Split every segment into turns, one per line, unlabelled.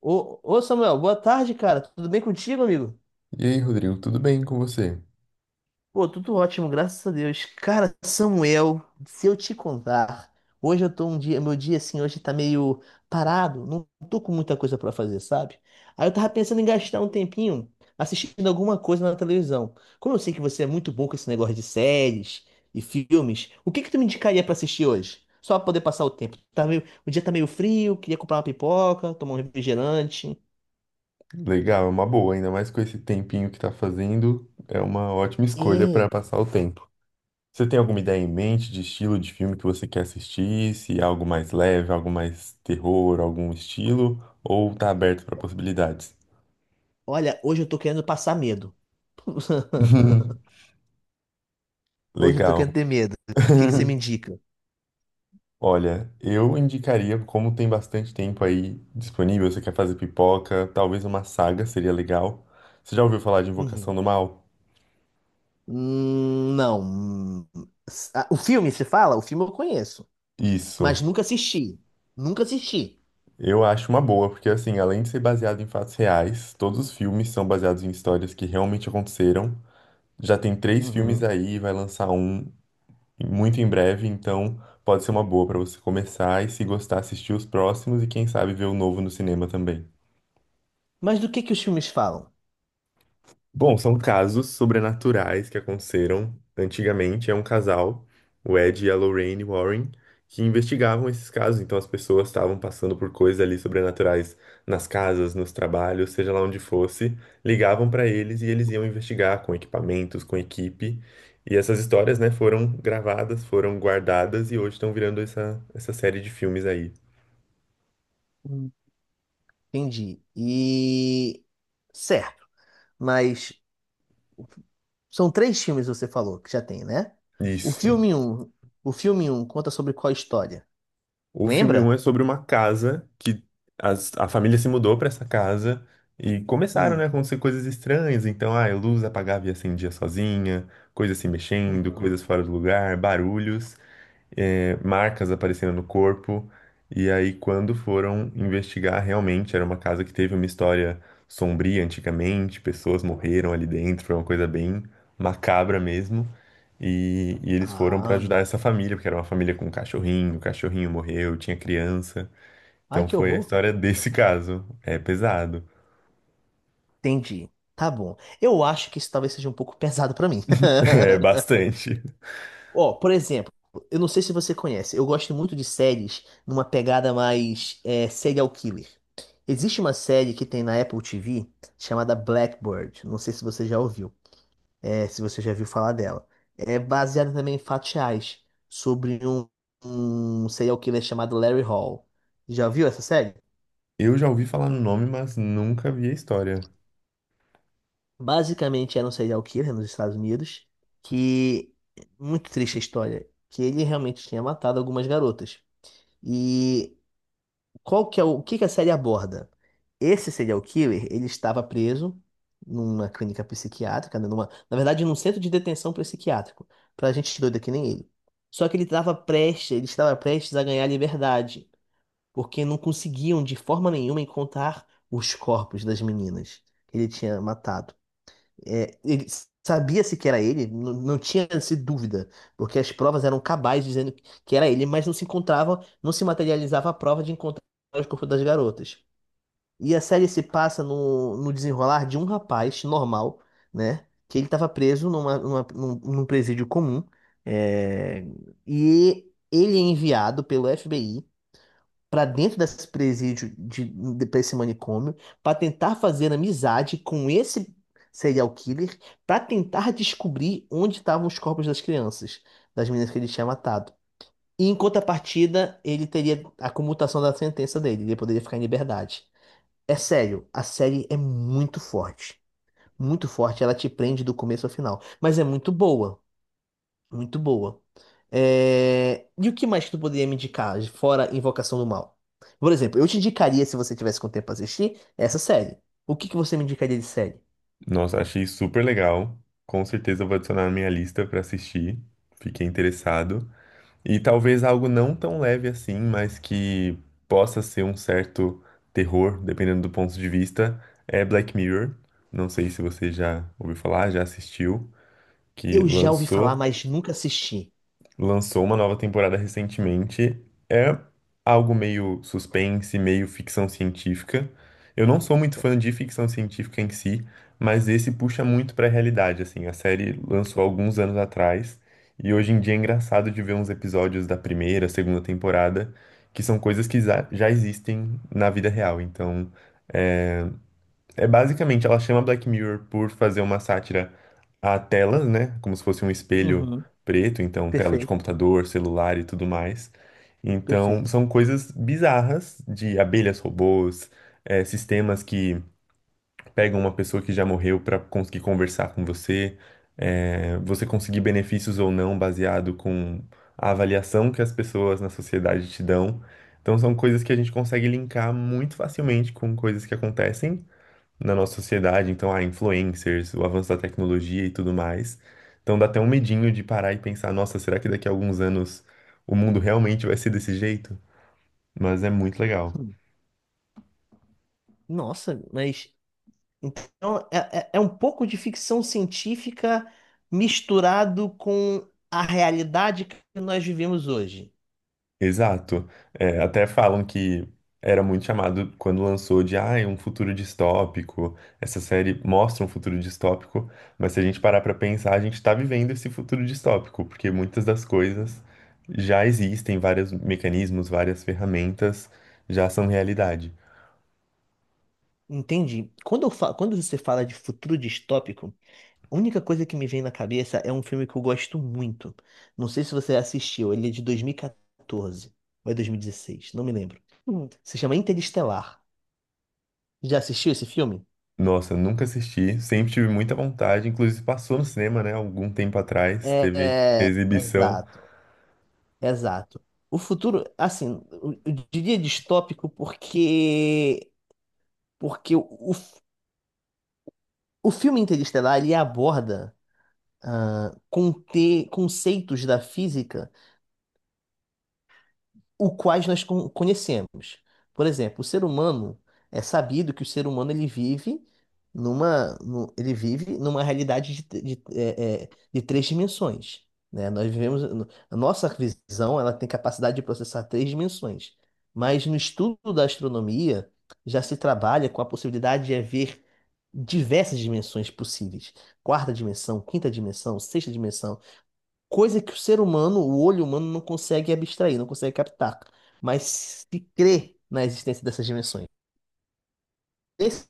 Ô, ô Samuel, boa tarde, cara. Tudo bem contigo, amigo?
E aí, Rodrigo, tudo bem com você?
Pô, tudo ótimo, graças a Deus. Cara, Samuel, se eu te contar, hoje eu tô um dia, meu dia assim, hoje tá meio parado, não tô com muita coisa pra fazer, sabe? Aí eu tava pensando em gastar um tempinho assistindo alguma coisa na televisão. Como eu sei que você é muito bom com esse negócio de séries e filmes, o que que tu me indicaria pra assistir hoje? Só pra poder passar o tempo. Tá meio, o dia tá meio frio, queria comprar uma pipoca, tomar um refrigerante.
Legal, é uma boa, ainda mais com esse tempinho que tá fazendo, é uma ótima escolha para
É.
passar o tempo. Você tem alguma ideia em mente de estilo de filme que você quer assistir? Se é algo mais leve, algo mais terror, algum estilo? Ou tá aberto para possibilidades?
Olha, hoje eu tô querendo passar medo. Hoje eu tô
Legal.
querendo ter medo. O que que você me indica?
Olha, eu indicaria, como tem bastante tempo aí disponível, você quer fazer pipoca, talvez uma saga seria legal. Você já ouviu falar de
Uhum.
Invocação do Mal?
Não. O filme, você fala? O filme eu conheço, mas
Isso.
nunca assisti. Nunca assisti.
Eu acho uma boa, porque assim, além de ser baseado em fatos reais, todos os filmes são baseados em histórias que realmente aconteceram. Já tem três filmes
Uhum.
aí, vai lançar um muito em breve, então pode ser uma boa pra você começar e, se gostar, assistir os próximos e quem sabe ver o novo no cinema também.
Mas do que os filmes falam?
Bom, são casos sobrenaturais que aconteceram antigamente. É um casal, o Ed e a Lorraine Warren, que investigavam esses casos. Então as pessoas estavam passando por coisas ali sobrenaturais nas casas, nos trabalhos, seja lá onde fosse. Ligavam para eles e eles iam investigar com equipamentos, com equipe. E essas histórias, né, foram gravadas, foram guardadas e hoje estão virando essa, essa série de filmes aí.
Hum. Entendi. E certo, mas são três filmes você falou que já tem, né? O
Isso.
filme um, o filme um conta sobre qual história?
O filme um
Lembra?
é sobre uma casa que a família se mudou pra essa casa e começaram, né,
Hum.
a acontecer coisas estranhas. Então, a luz apagava e acendia sozinha, coisas se mexendo,
Uhum.
coisas fora do lugar, barulhos, marcas aparecendo no corpo. E aí, quando foram investigar, realmente era uma casa que teve uma história sombria antigamente, pessoas morreram ali dentro, foi uma coisa bem macabra mesmo. E eles foram pra ajudar
Ah,
essa família, porque era uma família com um cachorrinho, o cachorrinho morreu, tinha criança.
ai
Então
que
foi a
horror.
história desse caso. É pesado.
Entendi. Tá bom. Eu acho que isso talvez seja um pouco pesado pra mim.
É bastante.
Ó, por exemplo, eu não sei se você conhece, eu gosto muito de séries numa pegada mais serial killer. Existe uma série que tem na Apple TV chamada Blackbird. Não sei se você já ouviu, é, se você já viu falar dela. É baseada também em fatos reais sobre um serial killer chamado Larry Hall. Já viu essa série?
Eu já ouvi falar no nome, mas nunca vi a história.
Basicamente era um serial killer nos Estados Unidos, que muito triste a história, que ele realmente tinha matado algumas garotas. E qual que é o que que a série aborda? Esse serial killer, ele estava preso numa clínica psiquiátrica, né, na verdade, num centro de detenção psiquiátrico, pra gente doida que nem ele. Só que ele estava prestes a ganhar liberdade, porque não conseguiam de forma nenhuma encontrar os corpos das meninas que ele tinha matado. É, ele sabia-se que era ele, não tinha essa dúvida, porque as provas eram cabais dizendo que era ele, mas não se encontrava, não se materializava a prova de encontrar os corpos das garotas. E a série se passa no desenrolar de um rapaz normal, né? Que ele estava preso num presídio comum, é, e ele é enviado pelo FBI para dentro desse presídio, para esse manicômio, para tentar fazer amizade com esse serial killer, para tentar descobrir onde estavam os corpos das crianças, das meninas que ele tinha matado. E em contrapartida, ele teria a comutação da sentença dele, ele poderia ficar em liberdade. É sério, a série é muito forte. Muito forte, ela te prende do começo ao final. Mas é muito boa. Muito boa. É, e o que mais que tu poderia me indicar, fora Invocação do Mal? Por exemplo, eu te indicaria, se você tivesse com tempo pra assistir, essa série. O que que você me indicaria de série?
Nossa, achei super legal. Com certeza eu vou adicionar na minha lista pra assistir. Fiquei interessado. E talvez algo não tão leve assim, mas que possa ser um certo terror, dependendo do ponto de vista, é Black Mirror. Não sei se você já ouviu falar, já assistiu, que
Eu já ouvi falar,
lançou
mas nunca assisti.
lançou uma nova temporada recentemente. É algo meio suspense, meio ficção científica. Eu não sou muito fã de ficção científica em si, mas esse puxa muito pra realidade, assim. A série lançou alguns anos atrás e hoje em dia é engraçado de ver uns episódios da primeira, segunda temporada, que são coisas que já existem na vida real. Então, é basicamente, ela chama Black Mirror por fazer uma sátira a telas, né? Como se fosse um espelho
Uhum.
preto, então tela de
Perfeito.
computador, celular e tudo mais. Então,
Perfeito.
são coisas bizarras de abelhas robôs, sistemas que pegam uma pessoa que já morreu para conseguir conversar com você, você conseguir benefícios ou não baseado com a avaliação que as pessoas na sociedade te dão. Então, são coisas que a gente consegue linkar muito facilmente com coisas que acontecem na nossa sociedade, então, influencers, o avanço da tecnologia e tudo mais. Então dá até um medinho de parar e pensar, nossa, será que daqui a alguns anos o mundo realmente vai ser desse jeito? Mas é muito legal.
Hum. Nossa, mas então é um pouco de ficção científica misturado com a realidade que nós vivemos hoje.
Exato. É, até falam que era muito chamado quando lançou de, é um futuro distópico. Essa série mostra um futuro distópico, mas se a gente parar pra pensar, a gente tá vivendo esse futuro distópico, porque muitas das coisas já existem, vários mecanismos, várias ferramentas já são realidade.
Entendi. Quando você fala de futuro distópico, a única coisa que me vem na cabeça é um filme que eu gosto muito. Não sei se você assistiu, ele é de 2014 ou é 2016, não me lembro. Hum. Se chama Interestelar. Já assistiu esse filme?
Nossa, nunca assisti, sempre tive muita vontade, inclusive passou no cinema, né, algum tempo atrás,
É,
teve
é,
exibição.
exato, exato. O futuro, assim, eu diria distópico porque porque o, f- o filme Interestelar ele aborda conceitos da física o quais conhecemos. Por exemplo, o ser humano é sabido que o ser humano ele vive ele vive numa realidade de, t- de, é, é, de 3 dimensões, né? Nós vivemos, a nossa visão ela tem capacidade de processar 3 dimensões, mas no estudo da astronomia já se trabalha com a possibilidade de haver diversas dimensões possíveis, quarta dimensão, quinta dimensão, sexta dimensão, coisa que o ser humano, o olho humano, não consegue abstrair, não consegue captar, mas se crê na existência dessas dimensões. Pense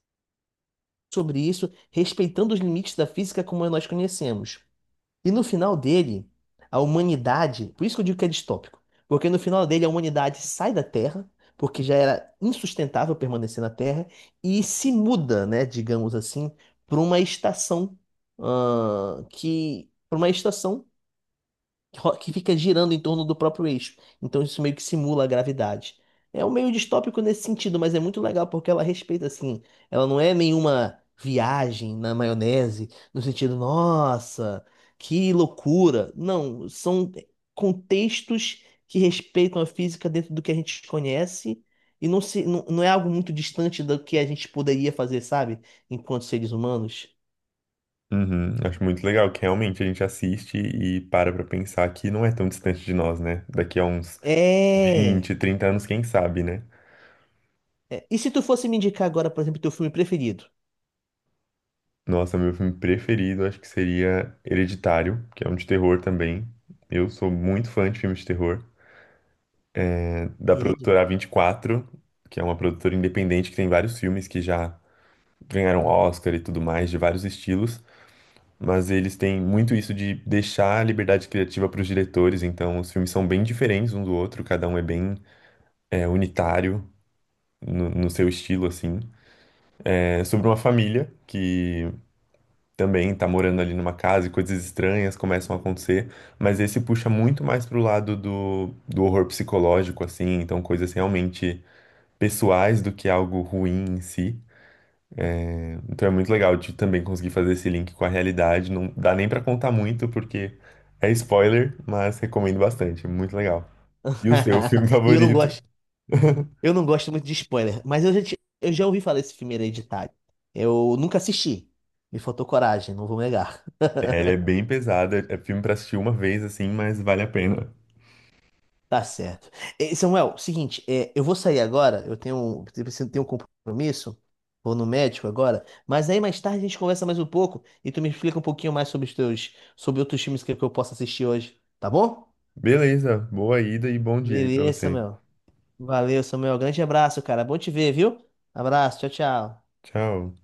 sobre isso, respeitando os limites da física como nós conhecemos. E no final dele, a humanidade, por isso que eu digo que é distópico, porque no final dele a humanidade sai da Terra, porque já era insustentável permanecer na Terra, e se muda, né, digamos assim, para uma estação, para uma estação que fica girando em torno do próprio eixo. Então isso meio que simula a gravidade. É um meio distópico nesse sentido, mas é muito legal porque ela respeita assim. Ela não é nenhuma viagem na maionese, no sentido, nossa, que loucura. Não, são contextos que respeitam a física dentro do que a gente conhece e não se, não, não é algo muito distante do que a gente poderia fazer, sabe? Enquanto seres humanos.
Uhum, acho muito legal que realmente a gente assiste e para pra pensar que não é tão distante de nós, né? Daqui a uns
É.
20, 30 anos, quem sabe, né?
É, e se tu fosse me indicar agora, por exemplo, teu filme preferido?
Nossa, meu filme preferido acho que seria Hereditário, que é um de terror também. Eu sou muito fã de filmes de terror, né, da
Irei.
produtora a 24, que é uma produtora independente que tem vários filmes que já ganharam Oscar e tudo mais, de vários estilos. Mas eles têm muito isso de deixar a liberdade criativa para os diretores, então os filmes são bem diferentes um do outro, cada um é bem unitário no seu estilo, assim. É sobre uma família que também tá morando ali numa casa e coisas estranhas começam a acontecer, mas esse puxa muito mais pro lado do horror psicológico, assim, então coisas realmente pessoais do que algo ruim em si. Então é muito legal de também conseguir fazer esse link com a realidade. Não dá nem pra contar muito, porque é spoiler, mas recomendo bastante. É muito legal. E o seu filme
E
favorito?
eu não gosto muito de spoiler, mas eu já ouvi falar desse filme Hereditário. Eu nunca assisti. Me faltou coragem, não vou negar.
É, ele é bem pesado. É filme pra assistir uma vez, assim, mas vale a pena.
Tá certo. Samuel, seguinte, eu vou sair agora, eu preciso ter um compromisso, vou no médico agora, mas aí mais tarde a gente conversa mais um pouco e tu me explica um pouquinho mais sobre os teus, sobre outros filmes que eu posso assistir hoje, tá bom?
Beleza. Boa ida e bom dia aí pra
Beleza,
você.
Samuel. Valeu, Samuel. Grande abraço, cara. Bom te ver, viu? Abraço, tchau, tchau.
Tchau.